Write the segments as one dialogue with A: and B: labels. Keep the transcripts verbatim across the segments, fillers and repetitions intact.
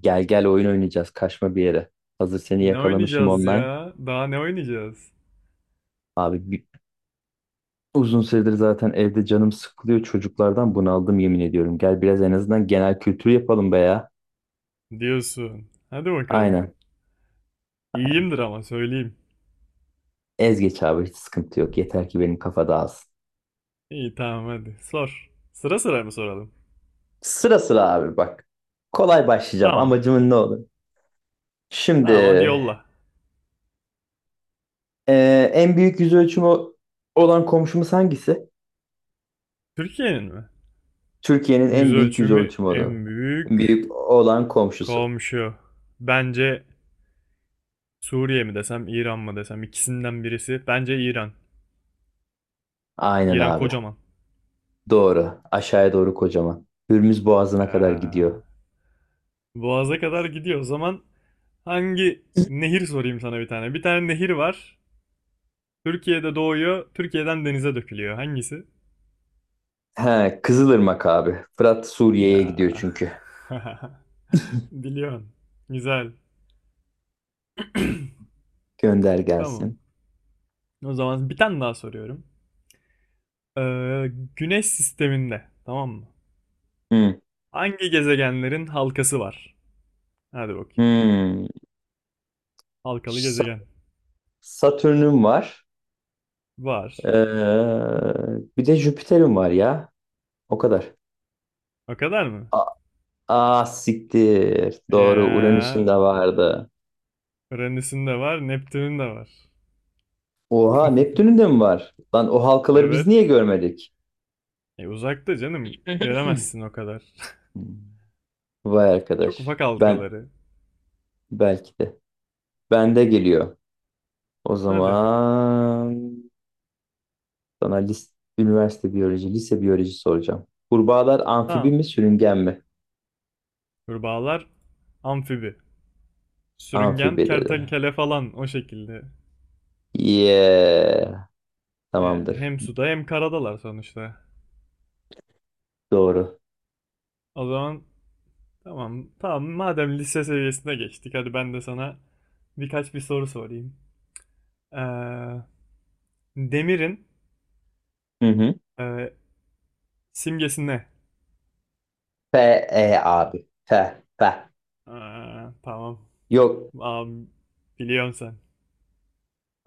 A: Gel gel oyun oynayacağız. Kaçma bir yere. Hazır seni
B: Ne
A: yakalamışım
B: oynayacağız
A: online.
B: ya? Daha ne oynayacağız?
A: Abi bir- Uzun süredir zaten evde canım sıkılıyor. Çocuklardan bunaldım yemin ediyorum. Gel biraz en azından genel kültür yapalım be ya.
B: Diyorsun. Hadi bakalım.
A: Aynen.
B: İyiyimdir ama söyleyeyim.
A: Ez geç abi hiç sıkıntı yok. Yeter ki benim kafa dağılsın.
B: İyi tamam hadi sor. Sıra sıra mı soralım?
A: Sıra sıra abi bak. Kolay başlayacağım.
B: Tamam.
A: Amacımın ne olur? Şimdi
B: Tamam hadi yolla.
A: e, en büyük yüz ölçümü olan komşumuz hangisi?
B: Türkiye'nin mi?
A: Türkiye'nin en
B: Yüz
A: büyük yüz
B: ölçümü
A: ölçümü olan.
B: en büyük
A: Büyük olan komşusu.
B: komşu. Bence Suriye mi desem İran mı desem ikisinden birisi. Bence İran.
A: Aynen
B: İran
A: abi.
B: kocaman.
A: Doğru. Aşağıya doğru kocaman. Hürmüz
B: Ee,
A: Boğazı'na kadar gidiyor.
B: Boğaz'a kadar gidiyor. O zaman hangi nehir sorayım sana bir tane. Bir tane nehir var. Türkiye'de doğuyor, Türkiye'den denize dökülüyor. Hangisi?
A: He, Kızılırmak abi. Fırat Suriye'ye
B: Ya.
A: gidiyor çünkü.
B: Biliyorsun. Güzel.
A: Gönder
B: Tamam.
A: gelsin.
B: O zaman bir tane daha soruyorum. Ee, Güneş sisteminde, tamam mı?
A: Hmm.
B: Hangi gezegenlerin halkası var? Hadi bakayım.
A: Hmm.
B: Halkalı
A: Sa-
B: gezegen.
A: Satürn'üm var.
B: Var.
A: Ee, Bir de Jüpiter'im var ya. O kadar.
B: O kadar mı?
A: A Aa, siktir. Doğru. Uranüs'ün
B: Ya.
A: de vardı.
B: Uranüs'ün de var, Neptün'ün de var.
A: Oha Neptün'ün de mi var? Lan o halkaları biz
B: Evet.
A: niye görmedik?
B: E uzakta canım. Göremezsin o kadar.
A: Hmm. Vay
B: Çok
A: arkadaş.
B: ufak
A: Ben
B: halkaları.
A: belki de. Bende geliyor. O
B: Hadi.
A: zaman sana lis- üniversite biyoloji, lise biyoloji soracağım. Kurbağalar amfibi
B: Tamam.
A: mi, sürüngen mi?
B: Kurbağalar amfibi. Sürüngen
A: Amfibi dedi.
B: kertenkele falan o şekilde.
A: Yeah.
B: Yani
A: Tamamdır.
B: hem suda hem karadalar sonuçta.
A: Doğru.
B: O zaman tamam tamam madem lise seviyesine geçtik hadi ben de sana birkaç bir soru sorayım. Ee, demirin
A: Hı hı.
B: e, simgesi ne?
A: F, E abi. F, F.
B: Aa, tamam.
A: Yok.
B: Aa, biliyorsun sen.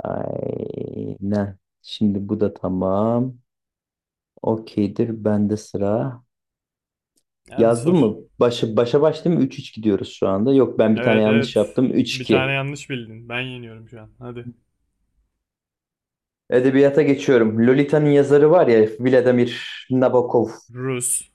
A: Aynen. Şimdi bu da tamam. Okeydir. Bende sıra.
B: Hadi
A: Yazdım mı?
B: sor.
A: Başa, başa baş değil mi? üç üç gidiyoruz şu anda. Yok ben bir tane
B: Evet
A: yanlış
B: evet.
A: yaptım. Üç
B: Bir tane
A: iki.
B: yanlış bildin. Ben yeniyorum şu an. Hadi.
A: Edebiyata geçiyorum. Lolita'nın yazarı var ya Vladimir Nabokov.
B: Rus.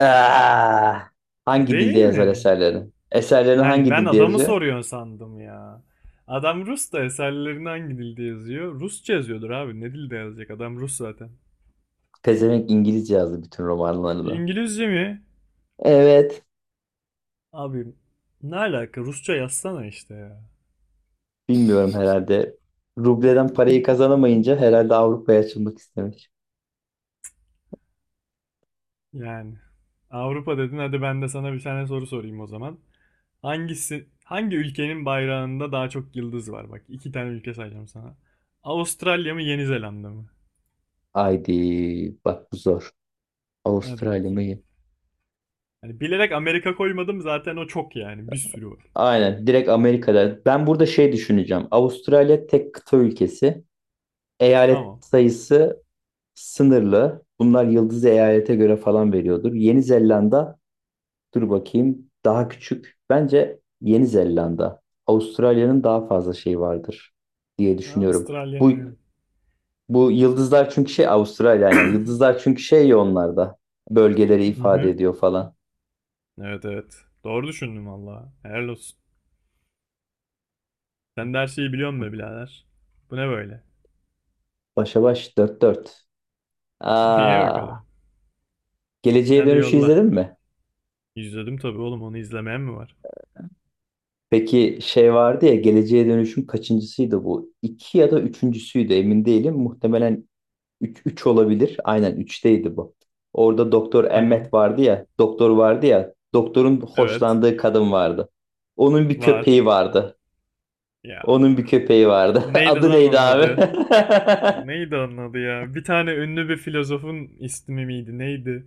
A: Aa, hangi dilde
B: Değil
A: yazar
B: mi?
A: eserlerini? Eserlerini
B: Hayır
A: hangi
B: ben
A: dilde
B: adamı
A: yazıyor?
B: soruyorsun sandım ya. Adam Rus da eserlerinde hangi dilde yazıyor? Rusça yazıyordur abi. Ne dilde yazacak? Adam Rus zaten.
A: Pezevenk İngilizce yazdı bütün romanlarını.
B: İngilizce mi?
A: Evet.
B: Abi ne alaka? Rusça yazsana işte ya.
A: Bilmiyorum herhalde. Rubleden parayı kazanamayınca herhalde Avrupa'ya açılmak istemiş.
B: Yani Avrupa dedin hadi ben de sana bir tane soru sorayım o zaman. Hangisi, hangi ülkenin bayrağında daha çok yıldız var? Bak iki tane ülke sayacağım sana. Avustralya mı Yeni Zelanda mı?
A: Haydi bak bu zor.
B: Hadi
A: Avustralya
B: bakayım.
A: mı?
B: Hani bilerek Amerika koymadım zaten o çok yani bir sürü var.
A: Aynen direkt Amerika'da. Ben burada şey düşüneceğim. Avustralya tek kıta ülkesi. Eyalet
B: Tamam.
A: sayısı sınırlı. Bunlar yıldız eyalete göre falan veriyordur. Yeni Zelanda, dur bakayım, daha küçük. Bence Yeni Zelanda. Avustralya'nın daha fazla şeyi vardır diye düşünüyorum. Bu
B: Avustralya'nın.
A: bu yıldızlar çünkü şey Avustralya aynen. Yıldızlar çünkü şey ya onlarda. Bölgeleri
B: Hı
A: ifade
B: hı.
A: ediyor falan.
B: Evet evet. Doğru düşündüm valla. Helal olsun. Sen de her şeyi biliyorsun be birader. Bu ne böyle?
A: Başa baş dört dört.
B: Niye
A: Aa,
B: bakalım?
A: Geleceğe
B: Hadi
A: Dönüş'ü
B: yolla.
A: izledin mi?
B: İzledim tabii oğlum onu izlemeyen mi var?
A: Peki şey vardı ya Geleceğe Dönüş'ün kaçıncısıydı bu? İki ya da üçüncüsüydü emin değilim. Muhtemelen üç olabilir. Aynen üçteydi bu. Orada Doktor
B: Tamam.
A: Emmet vardı ya. Doktor vardı ya. Doktorun
B: Evet.
A: hoşlandığı kadın vardı. Onun bir köpeği
B: Var.
A: vardı. Onun bir
B: Ya.
A: köpeği vardı.
B: Neydi
A: Adı
B: lan
A: neydi
B: onun
A: abi?
B: adı? Neydi onun adı ya? Bir tane ünlü bir filozofun ismi miydi? Neydi?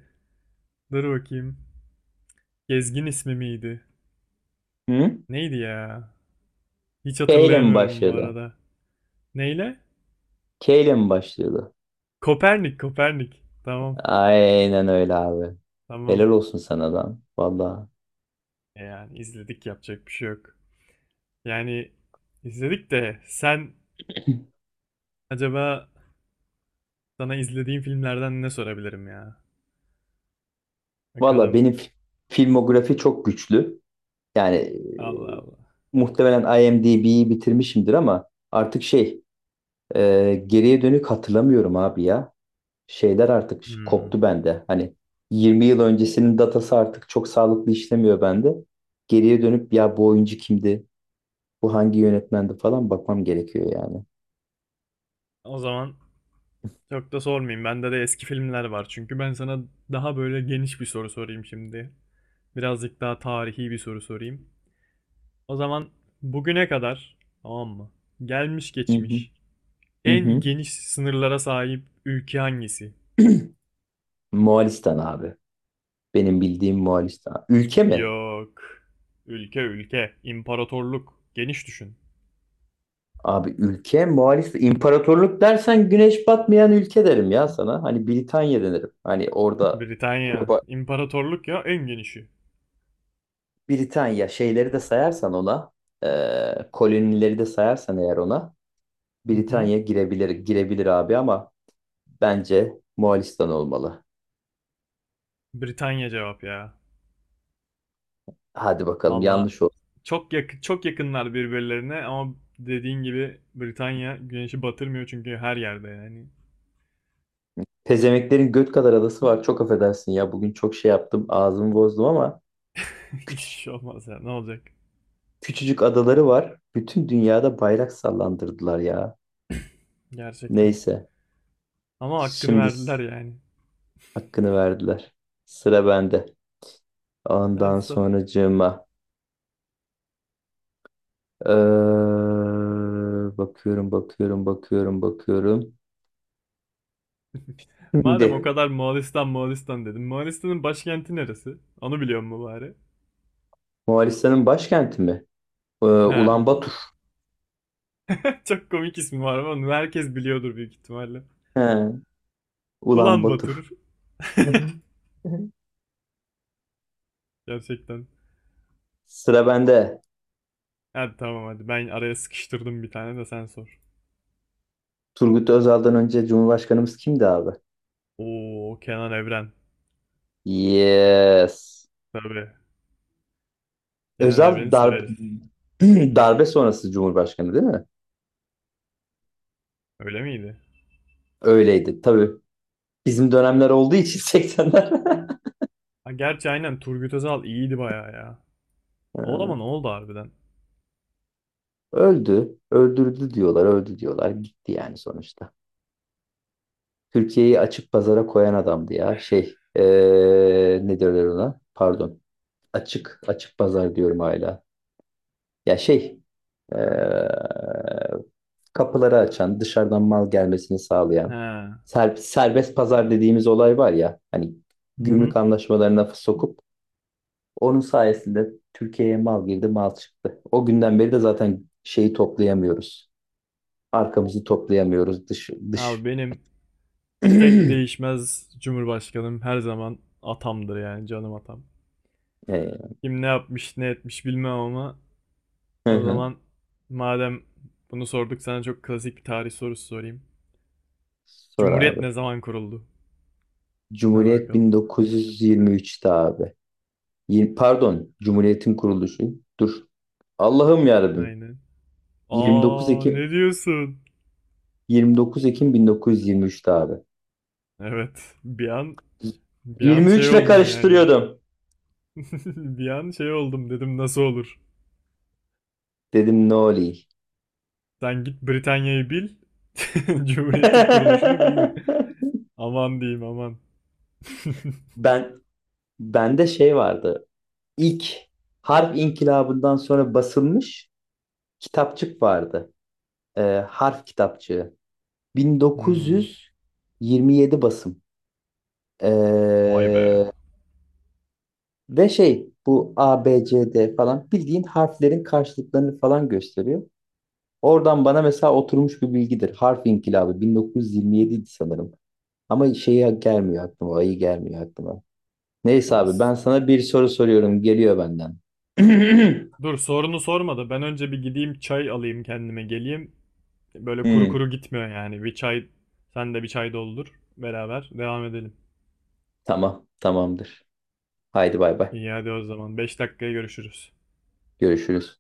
B: Dur bakayım. Gezgin ismi miydi?
A: Hı?
B: Neydi ya? Hiç
A: K ile mi
B: hatırlayamıyorum bu
A: başladı?
B: arada. Neyle?
A: K ile mi başladı?
B: Kopernik, Kopernik. Tamam,
A: Aynen öyle abi.
B: tamam.
A: Helal olsun sana lan. Valla.
B: E yani izledik yapacak bir şey yok. Yani izledik de sen acaba sana izlediğim filmlerden ne sorabilirim ya?
A: Valla
B: Bakalım.
A: benim fi- filmografi çok güçlü. Yani e,
B: Allah Allah.
A: muhtemelen I M D B'yi bitirmişimdir, ama artık şey. Ee, geriye dönük hatırlamıyorum abi ya. Şeyler artık ş-
B: Hmm.
A: koptu bende. Hani yirmi yıl öncesinin datası artık çok sağlıklı işlemiyor bende. Geriye dönüp ya bu oyuncu kimdi? Bu hangi yönetmendi falan bakmam gerekiyor yani.
B: O zaman çok da sormayayım. Bende de eski filmler var. Çünkü ben sana daha böyle geniş bir soru sorayım şimdi. Birazcık daha tarihi bir soru sorayım. O zaman bugüne kadar tamam mı? Gelmiş
A: Hı hı,
B: geçmiş
A: hı
B: en
A: hı.
B: geniş sınırlara sahip ülke hangisi?
A: Moğolistan abi. Benim bildiğim Moğolistan. Ülke mi?
B: Yok. Ülke ülke, imparatorluk. Geniş düşün.
A: Abi ülke Moğolistan. İmparatorluk dersen güneş batmayan ülke derim ya sana. Hani Britanya denirim. Hani orada
B: Britanya. İmparatorluk ya en genişi.
A: Britanya şeyleri de sayarsan ona, e, kolonileri de sayarsan eğer ona,
B: Hı hı.
A: Britanya girebilir girebilir abi ama bence Moğolistan olmalı.
B: Britanya cevap ya.
A: Hadi bakalım
B: Valla
A: yanlış oldu.
B: çok yak çok yakınlar birbirlerine ama dediğin gibi Britanya güneşi batırmıyor çünkü her yerde yani.
A: Pezemeklerin göt kadar adası var. Çok affedersin ya bugün çok şey yaptım ağzımı bozdum ama
B: Hiçbir
A: küçücük,
B: şey olmaz ya. Ne olacak?
A: küçücük adaları var. Bütün dünyada bayrak sallandırdılar ya.
B: Gerçekten.
A: Neyse
B: Ama hakkını
A: şimdi s-
B: verdiler yani.
A: hakkını verdiler. Sıra bende.
B: nerede
A: Ondan
B: sor.
A: sonracığıma. Ee, bakıyorum, bakıyorum, bakıyorum, bakıyorum.
B: Madem o
A: Şimdi
B: kadar Moğolistan Moğolistan dedim. Moğolistan'ın başkenti neresi? Onu biliyor mu bari?
A: Moğolistan'ın başkenti mi? Ee,
B: He.
A: Ulan Batur.
B: Çok komik ismi var ama onu herkes biliyordur büyük ihtimalle.
A: He, Ulan
B: Ulan
A: Batur.
B: Batur.
A: Hı hı, hı hı.
B: Gerçekten.
A: Sıra bende.
B: Hadi tamam hadi ben araya sıkıştırdım bir tane de sen sor.
A: Turgut Özal'dan önce Cumhurbaşkanımız kimdi abi?
B: Oo, Kenan Evren.
A: Yes.
B: Tabii. Kenan
A: Özal
B: Evren'i
A: dar
B: severiz.
A: darbe sonrası Cumhurbaşkanı değil mi?
B: Öyle miydi?
A: Öyleydi. Tabii bizim dönemler olduğu için seksenler.
B: Ha, gerçi aynen Turgut Özal iyiydi bayağı ya. O da mı ne
A: Ee,
B: oldu harbiden?
A: Öldü. Öldürdü diyorlar. Öldü diyorlar. Gitti yani sonuçta. Türkiye'yi açık pazara koyan adamdı ya. Şey, eee ne derler ona? Pardon. Açık, açık pazar diyorum hala. Ya şey, eee, kapıları açan, dışarıdan mal gelmesini sağlayan,
B: He.
A: ser- serbest pazar dediğimiz olay var ya, hani
B: Hı
A: gümrük
B: hı.
A: anlaşmalarına sokup onun sayesinde Türkiye'ye mal girdi, mal çıktı. O günden beri de zaten şeyi toplayamıyoruz. Arkamızı toplayamıyoruz dış dış.
B: Abi benim tek değişmez Cumhurbaşkanım her zaman atamdır yani canım atam.
A: Eee,
B: Kim ne yapmış ne etmiş bilmem ama.
A: hı
B: O
A: hı.
B: zaman madem bunu sorduk sana çok klasik bir tarih sorusu sorayım.
A: Sor
B: Cumhuriyet
A: abi.
B: ne zaman kuruldu? Hadi
A: Cumhuriyet
B: bakalım.
A: bin dokuz yüz yirmi üçte abi. Yir- Pardon, Cumhuriyet'in kuruluşu. Dur. Allah'ım yarabbim.
B: Aynen.
A: 29
B: Aa,
A: Ekim
B: ne diyorsun?
A: yirmi dokuz Ekim bin dokuz yüz yirmi üçte abi.
B: Evet. Bir an bir an
A: yirmi üç
B: şey
A: ile
B: oldum yani.
A: karıştırıyordum.
B: Bir an şey oldum dedim nasıl olur?
A: Dedim ne olayım.
B: Sen git Britanya'yı bil. Cumhuriyetin kuruluşunu bilme. Aman diyeyim aman.
A: Ben Bende şey vardı. İlk harf inkılabından sonra basılmış kitapçık vardı. Ee, Harf kitapçığı.
B: Hmm,
A: bin dokuz yüz yirmi yedi basım.
B: Vay be.
A: Ee, Ve şey bu A B C D falan bildiğin harflerin karşılıklarını falan gösteriyor. Oradan bana mesela oturmuş bir bilgidir. Harf inkılabı bin dokuz yüz yirmi yedi idi sanırım. Ama şeye gelmiyor aklıma, ayı gelmiyor aklıma. Neyse abi ben
B: Olsun.
A: sana bir soru soruyorum. Geliyor benden.
B: Dur sorunu sormadı. Ben önce bir gideyim çay alayım kendime geleyim. Böyle kuru
A: Hmm,
B: kuru gitmiyor yani. Bir çay sen de bir çay doldur. Beraber devam edelim.
A: tamam, tamamdır. Haydi bay bay.
B: İyi hadi o zaman. Beş dakikaya görüşürüz.
A: Görüşürüz.